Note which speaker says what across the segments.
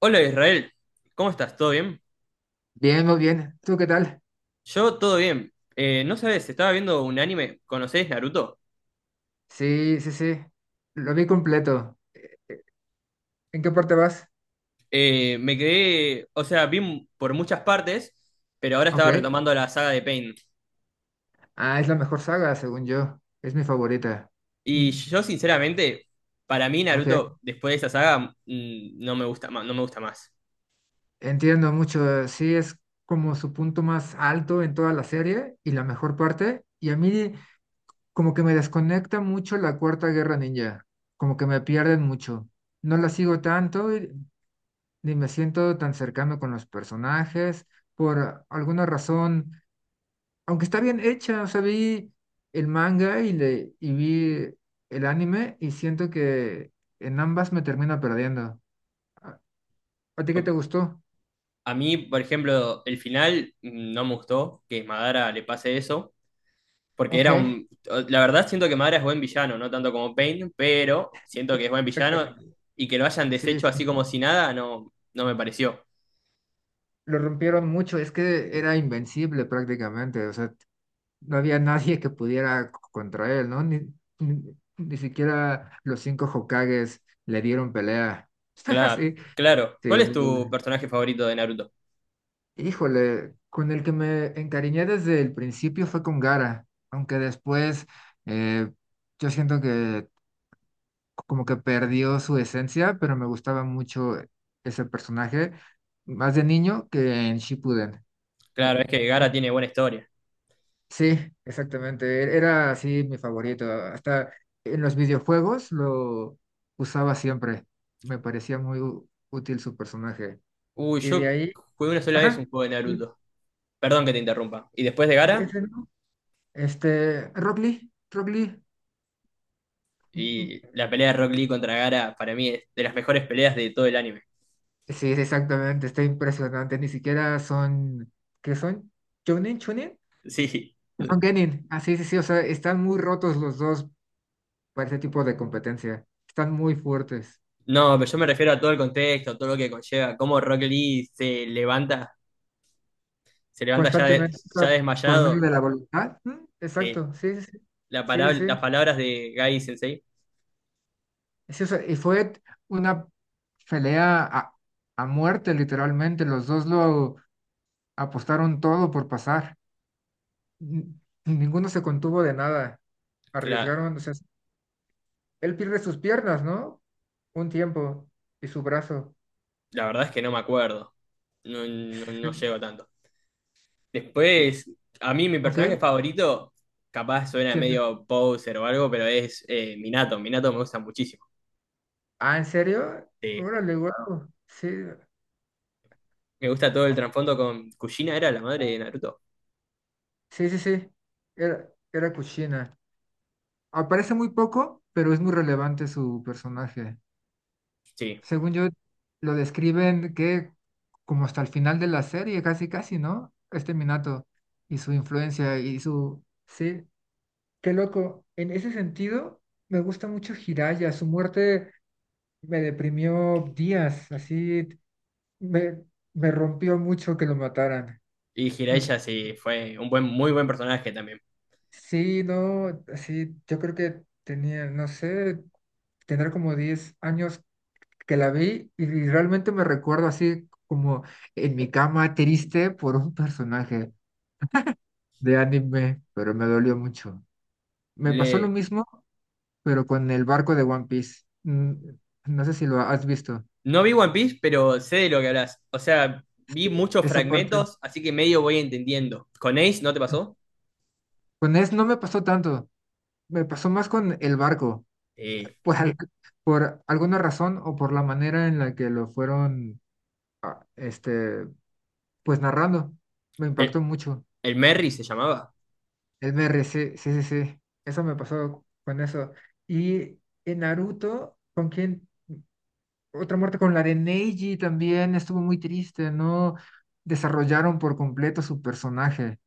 Speaker 1: Hola Israel, ¿cómo estás? ¿Todo bien?
Speaker 2: Bien, muy bien. ¿Tú qué tal?
Speaker 1: Yo todo bien. No sabes, estaba viendo un anime, ¿conocés Naruto?
Speaker 2: Sí, sí, sí. Lo vi completo. ¿En qué parte vas?
Speaker 1: Me quedé, o sea, vi por muchas partes, pero ahora estaba
Speaker 2: Ok.
Speaker 1: retomando la saga de Pain.
Speaker 2: Ah, es la mejor saga, según yo. Es mi favorita.
Speaker 1: Y
Speaker 2: Mm.
Speaker 1: yo sinceramente, para mí
Speaker 2: Ok.
Speaker 1: Naruto, después de esa saga, no me gusta más, no me gusta más.
Speaker 2: Entiendo mucho. Sí, es como su punto más alto en toda la serie y la mejor parte. Y a mí como que me desconecta mucho la Cuarta Guerra Ninja. Como que me pierden mucho. No la sigo tanto ni me siento tan cercano con los personajes. Por alguna razón aunque está bien hecha, o sea, vi el manga y vi el anime y siento que en ambas me termino perdiendo. ¿A, a ti qué
Speaker 1: O-
Speaker 2: te gustó?
Speaker 1: A mí, por ejemplo, el final, no me gustó que Madara le pase eso, porque era
Speaker 2: Ok,
Speaker 1: un... La verdad siento que Madara es buen villano, no tanto como Pain, pero siento que es buen villano
Speaker 2: exactamente.
Speaker 1: y que lo hayan
Speaker 2: Sí,
Speaker 1: deshecho
Speaker 2: sí.
Speaker 1: así como si nada, no, no me pareció.
Speaker 2: Lo rompieron mucho, es que era invencible prácticamente, o sea, no había nadie que pudiera contra él, ¿no? Ni siquiera los cinco Hokages le dieron pelea.
Speaker 1: Claro,
Speaker 2: Sí,
Speaker 1: claro.
Speaker 2: sí,
Speaker 1: ¿Cuál
Speaker 2: o
Speaker 1: es
Speaker 2: sea,
Speaker 1: tu personaje favorito de Naruto?
Speaker 2: híjole, con el que me encariñé desde el principio fue con Gara, aunque después eh, yo siento que como que perdió su esencia, pero me gustaba mucho ese personaje, más de niño que en Shippuden. Eh,
Speaker 1: Claro, es que
Speaker 2: eh,
Speaker 1: Gara tiene buena historia.
Speaker 2: sí, exactamente, era así mi favorito, hasta en los videojuegos lo usaba siempre, me parecía muy útil su personaje.
Speaker 1: Uy,
Speaker 2: Y de
Speaker 1: yo
Speaker 2: ahí,
Speaker 1: jugué una sola vez un
Speaker 2: ajá,
Speaker 1: juego de Naruto. Perdón que te interrumpa. ¿Y después de
Speaker 2: es- es-
Speaker 1: Gara?
Speaker 2: este, Rock Lee, Rock Lee. mm,
Speaker 1: Y la pelea de Rock Lee contra Gara para mí es de las mejores peleas de todo el anime.
Speaker 2: Sí, sí, exactamente, está impresionante. Ni siquiera son, ¿qué son? ¿Chunin? ¿Chunin?
Speaker 1: Sí.
Speaker 2: Son Genin. Ah, sí, sí, sí, o sea, están muy rotos los dos para ese tipo de competencia. Están muy fuertes.
Speaker 1: No, pero yo me refiero a todo el contexto, todo lo que conlleva, cómo Rock Lee se levanta, se levanta ya,
Speaker 2: Constantemente, o
Speaker 1: ya
Speaker 2: sea, por medio
Speaker 1: desmayado,
Speaker 2: de la voluntad.
Speaker 1: eh,
Speaker 2: Exacto, sí, sí, sí, sí, sí,
Speaker 1: las
Speaker 2: sí,
Speaker 1: palabras de Gai Sensei,
Speaker 2: sí, o sea, y fue una pelea a muerte, literalmente. Los dos lo apostaron todo por pasar. N- Ninguno se contuvo de nada.
Speaker 1: la,
Speaker 2: Arriesgaron, o sea, él pierde sus piernas, ¿no? Un tiempo y su brazo.
Speaker 1: la verdad es que no me acuerdo, no, no, no llego tanto.
Speaker 2: Y-
Speaker 1: Después, a mí mi
Speaker 2: ¿Ok?
Speaker 1: personaje favorito, capaz suena
Speaker 2: ¿Quién es?
Speaker 1: medio poser o algo, pero es Minato, Minato me gusta muchísimo.
Speaker 2: Ah, ¿en serio?
Speaker 1: Eh,
Speaker 2: Órale, wow. Sí,
Speaker 1: Me gusta todo el trasfondo con Kushina, era la madre de Naruto.
Speaker 2: sí, sí, sí. Era Kushina. Aparece muy poco, pero es muy relevante su personaje.
Speaker 1: Sí,
Speaker 2: Según yo, lo describen que como hasta el final de la serie, casi, casi, ¿no? Este Minato y su influencia y su. Sí, qué loco. En ese sentido, me gusta mucho Jiraya. Su muerte me deprimió días, así me, me rompió mucho que lo mataran.
Speaker 1: y
Speaker 2: Mm,
Speaker 1: Jiraiya sí, fue un buen, muy buen personaje también.
Speaker 2: Sí, no, sí, yo creo que tenía, no sé, tendrá como 10 años que la vi y realmente me recuerdo así como en mi cama triste por un personaje de anime, pero me dolió mucho. Me pasó lo
Speaker 1: Le,
Speaker 2: mismo, pero con el barco de One Piece. No sé si lo has visto.
Speaker 1: No vi One Piece, pero sé de lo que hablas. O sea, vi muchos
Speaker 2: Esa parte.
Speaker 1: fragmentos, así que medio voy entendiendo. ¿Con Ace no te pasó?
Speaker 2: Con es no me pasó tanto. Me pasó más con el barco.
Speaker 1: Eh,
Speaker 2: Por, al- por alguna razón o por la manera en la que lo fueron, este, pues narrando. Me impactó
Speaker 1: el,
Speaker 2: mucho.
Speaker 1: el Merry se llamaba.
Speaker 2: El BR, sí, sí, sí, sí. Eso me pasó con eso. Y en Naruto, ¿con quién? Otra muerte con la de Neji también estuvo muy triste, ¿no? Desarrollaron por completo su personaje.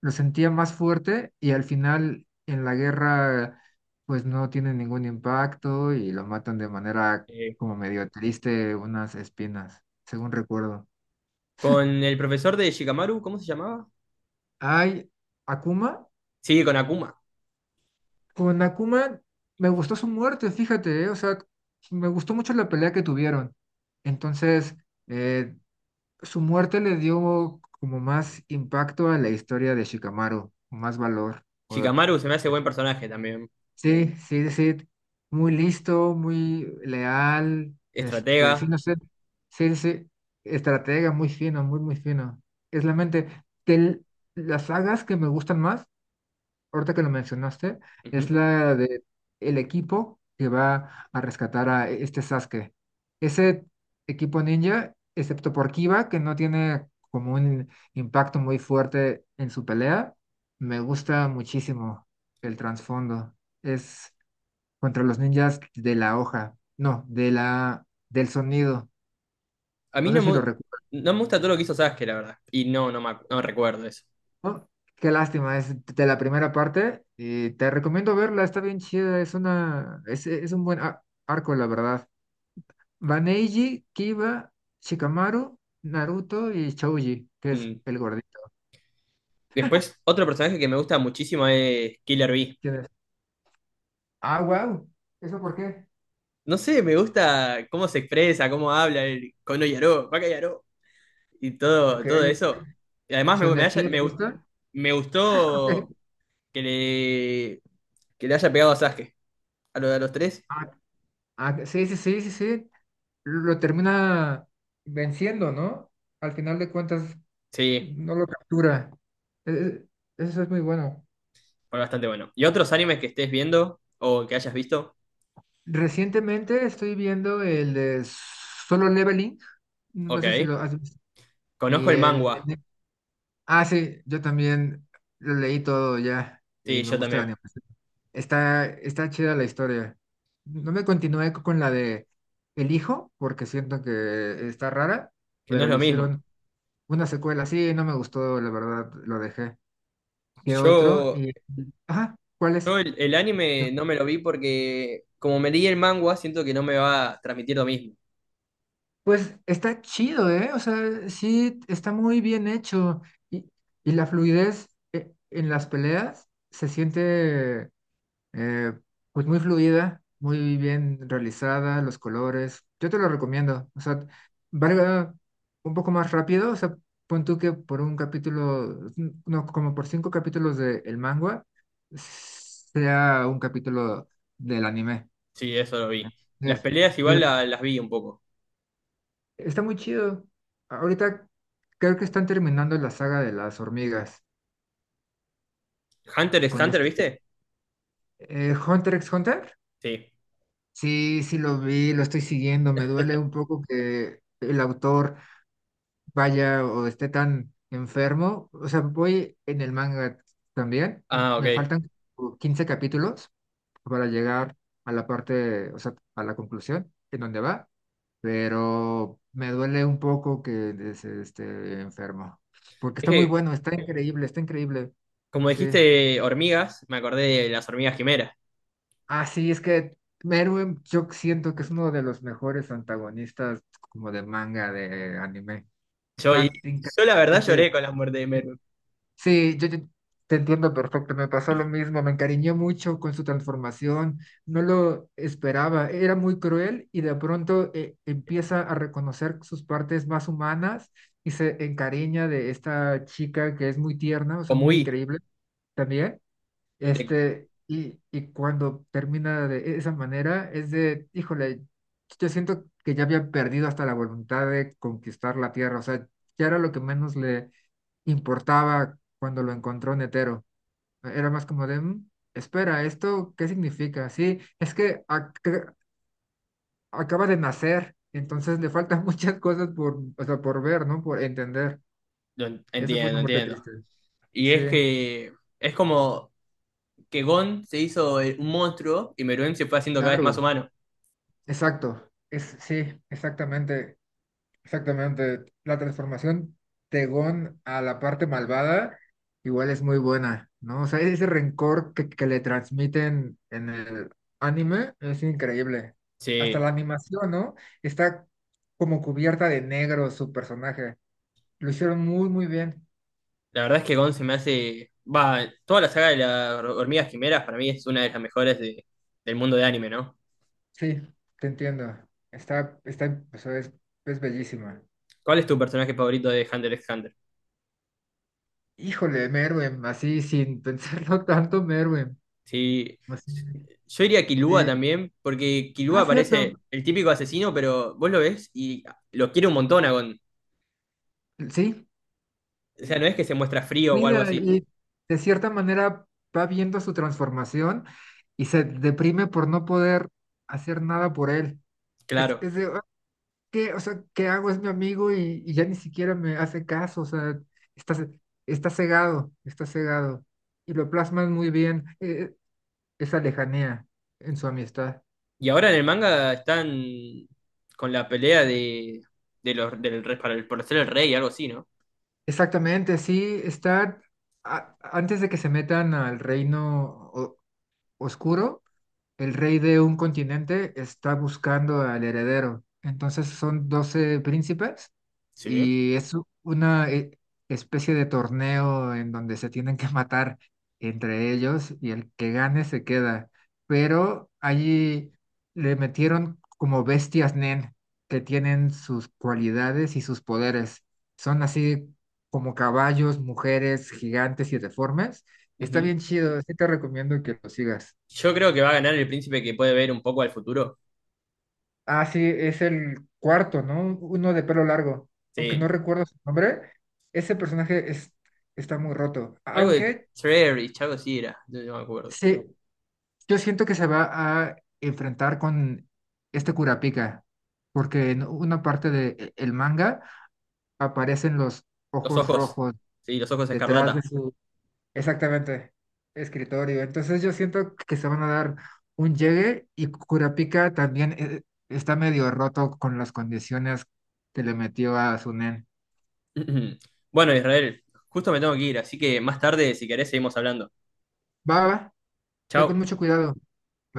Speaker 2: Lo sentía más fuerte y al final en la guerra pues no tiene ningún impacto y lo matan de manera
Speaker 1: Eh,
Speaker 2: como medio triste, unas espinas, según recuerdo.
Speaker 1: ¿Con el profesor de Shikamaru, cómo se llamaba?
Speaker 2: Hay Akuma,
Speaker 1: Sí, con Akuma.
Speaker 2: con Akuma me gustó su muerte, fíjate, o sea, me gustó mucho la pelea que tuvieron. Entonces, eh, su muerte le dio como más impacto a la historia de Shikamaru, más valor. O
Speaker 1: Shikamaru se me hace buen personaje también.
Speaker 2: sí, sí, sí, muy listo, muy leal, este,
Speaker 1: Estratega.
Speaker 2: sí, no sé, sí, sí, sí, estratega, muy fino, muy, muy fino. Es la mente. De las sagas que me gustan más, ahorita que lo mencionaste, es
Speaker 1: Ujú.
Speaker 2: la de el equipo que va a rescatar a este Sasuke. Ese equipo ninja, excepto por Kiba, que no tiene como un impacto muy fuerte en su pelea, me gusta muchísimo el trasfondo. Es contra los ninjas de la hoja, no, de la, del sonido.
Speaker 1: A mí
Speaker 2: No sé
Speaker 1: no
Speaker 2: si
Speaker 1: me,
Speaker 2: lo recuerdo.
Speaker 1: no me gusta todo lo que hizo Sasuke, la verdad. Y no, no, no recuerdo eso.
Speaker 2: ¿No? Qué lástima, es de la primera parte. Y te recomiendo verla, está bien chida, es una, es un buen arco, la verdad. Baneiji, Kiba, Shikamaru, Naruto y Shouji, que es
Speaker 1: Mm.
Speaker 2: el gordito.
Speaker 1: Después, otro personaje que me gusta muchísimo es Killer Bee.
Speaker 2: ¿Quién es? Ah, wow. ¿Eso por qué?
Speaker 1: No sé, me gusta cómo se expresa, cómo habla el Kono Yaro, Baka Yaro, y todo,
Speaker 2: Ok,
Speaker 1: todo eso. Y además
Speaker 2: ¿su energía te gusta?
Speaker 1: me
Speaker 2: Ok.
Speaker 1: gustó que que le haya pegado a Sasuke. A lo de los tres.
Speaker 2: Ah, ah, sí, sí, sí, sí, sí. Lo termina venciendo, ¿no? Al final de cuentas,
Speaker 1: Sí,
Speaker 2: no lo captura. Eh, Eso es muy bueno.
Speaker 1: fue bastante bueno. ¿Y otros animes que estés viendo o que hayas visto?
Speaker 2: Recientemente estoy viendo el de Solo Leveling, no sé si
Speaker 1: Ok.
Speaker 2: lo has visto, y
Speaker 1: Conozco el
Speaker 2: el de...
Speaker 1: manga.
Speaker 2: Ne- Ah, sí, yo también lo leí todo ya y
Speaker 1: Sí,
Speaker 2: me
Speaker 1: yo
Speaker 2: gusta la
Speaker 1: también.
Speaker 2: animación. Está chida la historia. No me continué con la de El Hijo, porque siento que está rara,
Speaker 1: Que no
Speaker 2: pero
Speaker 1: es
Speaker 2: le
Speaker 1: lo mismo.
Speaker 2: hicieron una secuela así y no me gustó, la verdad, lo dejé. ¿Qué otro?
Speaker 1: Yo,
Speaker 2: Ajá, ¿cuál es?
Speaker 1: yo el anime no me lo vi porque como me leí el manga, siento que no me va a transmitir lo mismo.
Speaker 2: Pues está chido, ¿eh? O sea, sí, está muy bien hecho. Y, y la fluidez en las peleas se siente eh, pues muy fluida, muy bien realizada, los colores. Yo te lo recomiendo. O sea, valga un poco más rápido. O sea, pon tú que por un capítulo, no, como por cinco capítulos de el manga, sea un capítulo del anime.
Speaker 1: Sí, eso lo vi. Las
Speaker 2: Entonces,
Speaker 1: peleas
Speaker 2: sí,
Speaker 1: igual las vi un poco.
Speaker 2: está muy chido. Ahorita creo que están terminando la saga de las hormigas
Speaker 1: Hunter es
Speaker 2: con
Speaker 1: Hunter,
Speaker 2: este
Speaker 1: ¿viste?
Speaker 2: Hunter x Hunter.
Speaker 1: Sí.
Speaker 2: Sí, sí lo vi, lo estoy siguiendo. Me duele un poco que el autor vaya o esté tan enfermo. O sea, voy en el manga también.
Speaker 1: Ah, ok.
Speaker 2: Me
Speaker 1: Es
Speaker 2: faltan como 15 capítulos para llegar a la parte, o sea, a la conclusión en donde va. Pero me duele un poco que esté enfermo, porque está muy
Speaker 1: que,
Speaker 2: bueno, está increíble, está increíble.
Speaker 1: como
Speaker 2: Sí.
Speaker 1: dijiste hormigas, me acordé de las hormigas quimeras.
Speaker 2: Ah, sí, es que Meruem yo siento que es uno de los mejores antagonistas como de manga, de anime.
Speaker 1: Yo, y
Speaker 2: Está
Speaker 1: yo la verdad lloré
Speaker 2: increíblemente.
Speaker 1: con la muerte de Merwin.
Speaker 2: Sí, yo te entiendo perfecto, me pasó lo mismo, me encariñé mucho con su transformación, no lo esperaba, era muy cruel y de pronto empieza a reconocer sus partes más humanas y se encariña de esta chica que es muy tierna, o sea,
Speaker 1: Como
Speaker 2: muy
Speaker 1: huí.
Speaker 2: increíble también,
Speaker 1: de-
Speaker 2: este, y cuando termina de esa manera es de, híjole, yo siento que ya había perdido hasta la voluntad de conquistar la tierra, o sea, ya era lo que menos le importaba cuando lo encontró Netero. Era más como de, "Mm, espera, ¿esto qué significa? Sí, es que acaba de nacer, entonces le faltan muchas cosas por, o sea, por ver, ¿no? Por entender. Esa fue una
Speaker 1: Entiendo,
Speaker 2: muerte
Speaker 1: entiendo.
Speaker 2: triste.
Speaker 1: Y
Speaker 2: Sí,
Speaker 1: es que es como que Gon se hizo, un monstruo y Meruem se fue haciendo cada vez más
Speaker 2: claro,
Speaker 1: humano.
Speaker 2: exacto. Es, sí, exactamente. Exactamente. La transformación Tegón a la parte malvada igual es muy buena, ¿no? O sea, ese rencor que le transmiten en el anime es increíble. Hasta
Speaker 1: Sí,
Speaker 2: la animación, ¿no? Está como cubierta de negro su personaje. Lo hicieron muy, muy bien.
Speaker 1: la verdad es que Gon se me hace... Va, toda la saga de las hormigas quimeras para mí es una de las mejores del mundo de anime, ¿no?
Speaker 2: Sí, te entiendo. Está, o sea, es bellísima.
Speaker 1: ¿Cuál es tu personaje favorito de Hunter x Hunter?
Speaker 2: Híjole, Merwin, así sin pensarlo tanto, Merwin.
Speaker 1: Sí,
Speaker 2: Así,
Speaker 1: yo iría a Killua
Speaker 2: sí.
Speaker 1: también, porque
Speaker 2: Ah,
Speaker 1: Killua parece
Speaker 2: cierto.
Speaker 1: el típico asesino, pero vos lo ves y lo quiere un montón a Gon.
Speaker 2: Sí.
Speaker 1: O sea, no es que se muestra frío o algo
Speaker 2: Cuida
Speaker 1: así,
Speaker 2: y de cierta manera va viendo su transformación y se deprime por no poder hacer nada por él. Es,
Speaker 1: claro.
Speaker 2: es de, "Ah, o sea, ¿qué hago? Es mi amigo y ya ni siquiera me hace caso, o sea, está, ce- está cegado, está cegado. Y lo plasman muy bien, esa lejanía en su amistad.
Speaker 1: Y ahora en el manga están con la pelea de los, del, para por ser el rey, algo así, ¿no?
Speaker 2: Exactamente, sí, está antes de que se metan al reino o- oscuro. El rey de un continente está buscando al heredero. Entonces son 12 príncipes
Speaker 1: Sí.
Speaker 2: y es una especie de torneo en donde se tienen que matar entre ellos y el que gane se queda. Pero allí le metieron como bestias Nen que tienen sus cualidades y sus poderes. Son así como caballos, mujeres, gigantes y deformes. Está
Speaker 1: Ujú.
Speaker 2: bien chido, sí te recomiendo que lo sigas.
Speaker 1: Yo creo que va a ganar el príncipe que puede ver un poco al futuro.
Speaker 2: Ah, sí, es el cuarto, ¿no? Uno de pelo largo. Aunque no
Speaker 1: Sí.
Speaker 2: recuerdo su nombre, ese personaje está muy roto.
Speaker 1: Algo de
Speaker 2: Aunque
Speaker 1: Trerich, algo así era, no, no me acuerdo.
Speaker 2: sí, yo siento que se va a enfrentar con este Kurapika, porque en una parte del manga aparecen los
Speaker 1: Los
Speaker 2: ojos
Speaker 1: ojos,
Speaker 2: rojos
Speaker 1: sí, los ojos
Speaker 2: detrás de
Speaker 1: escarlata.
Speaker 2: sus, exactamente, escritorio. Entonces yo siento que se van a dar un llegue y Kurapika también está medio roto con las condiciones que le metió a Sunen. Nen.
Speaker 1: Bueno, Israel, justo me tengo que ir, así que más tarde, si querés, seguimos hablando.
Speaker 2: Va, va, ve con
Speaker 1: Chao.
Speaker 2: mucho cuidado.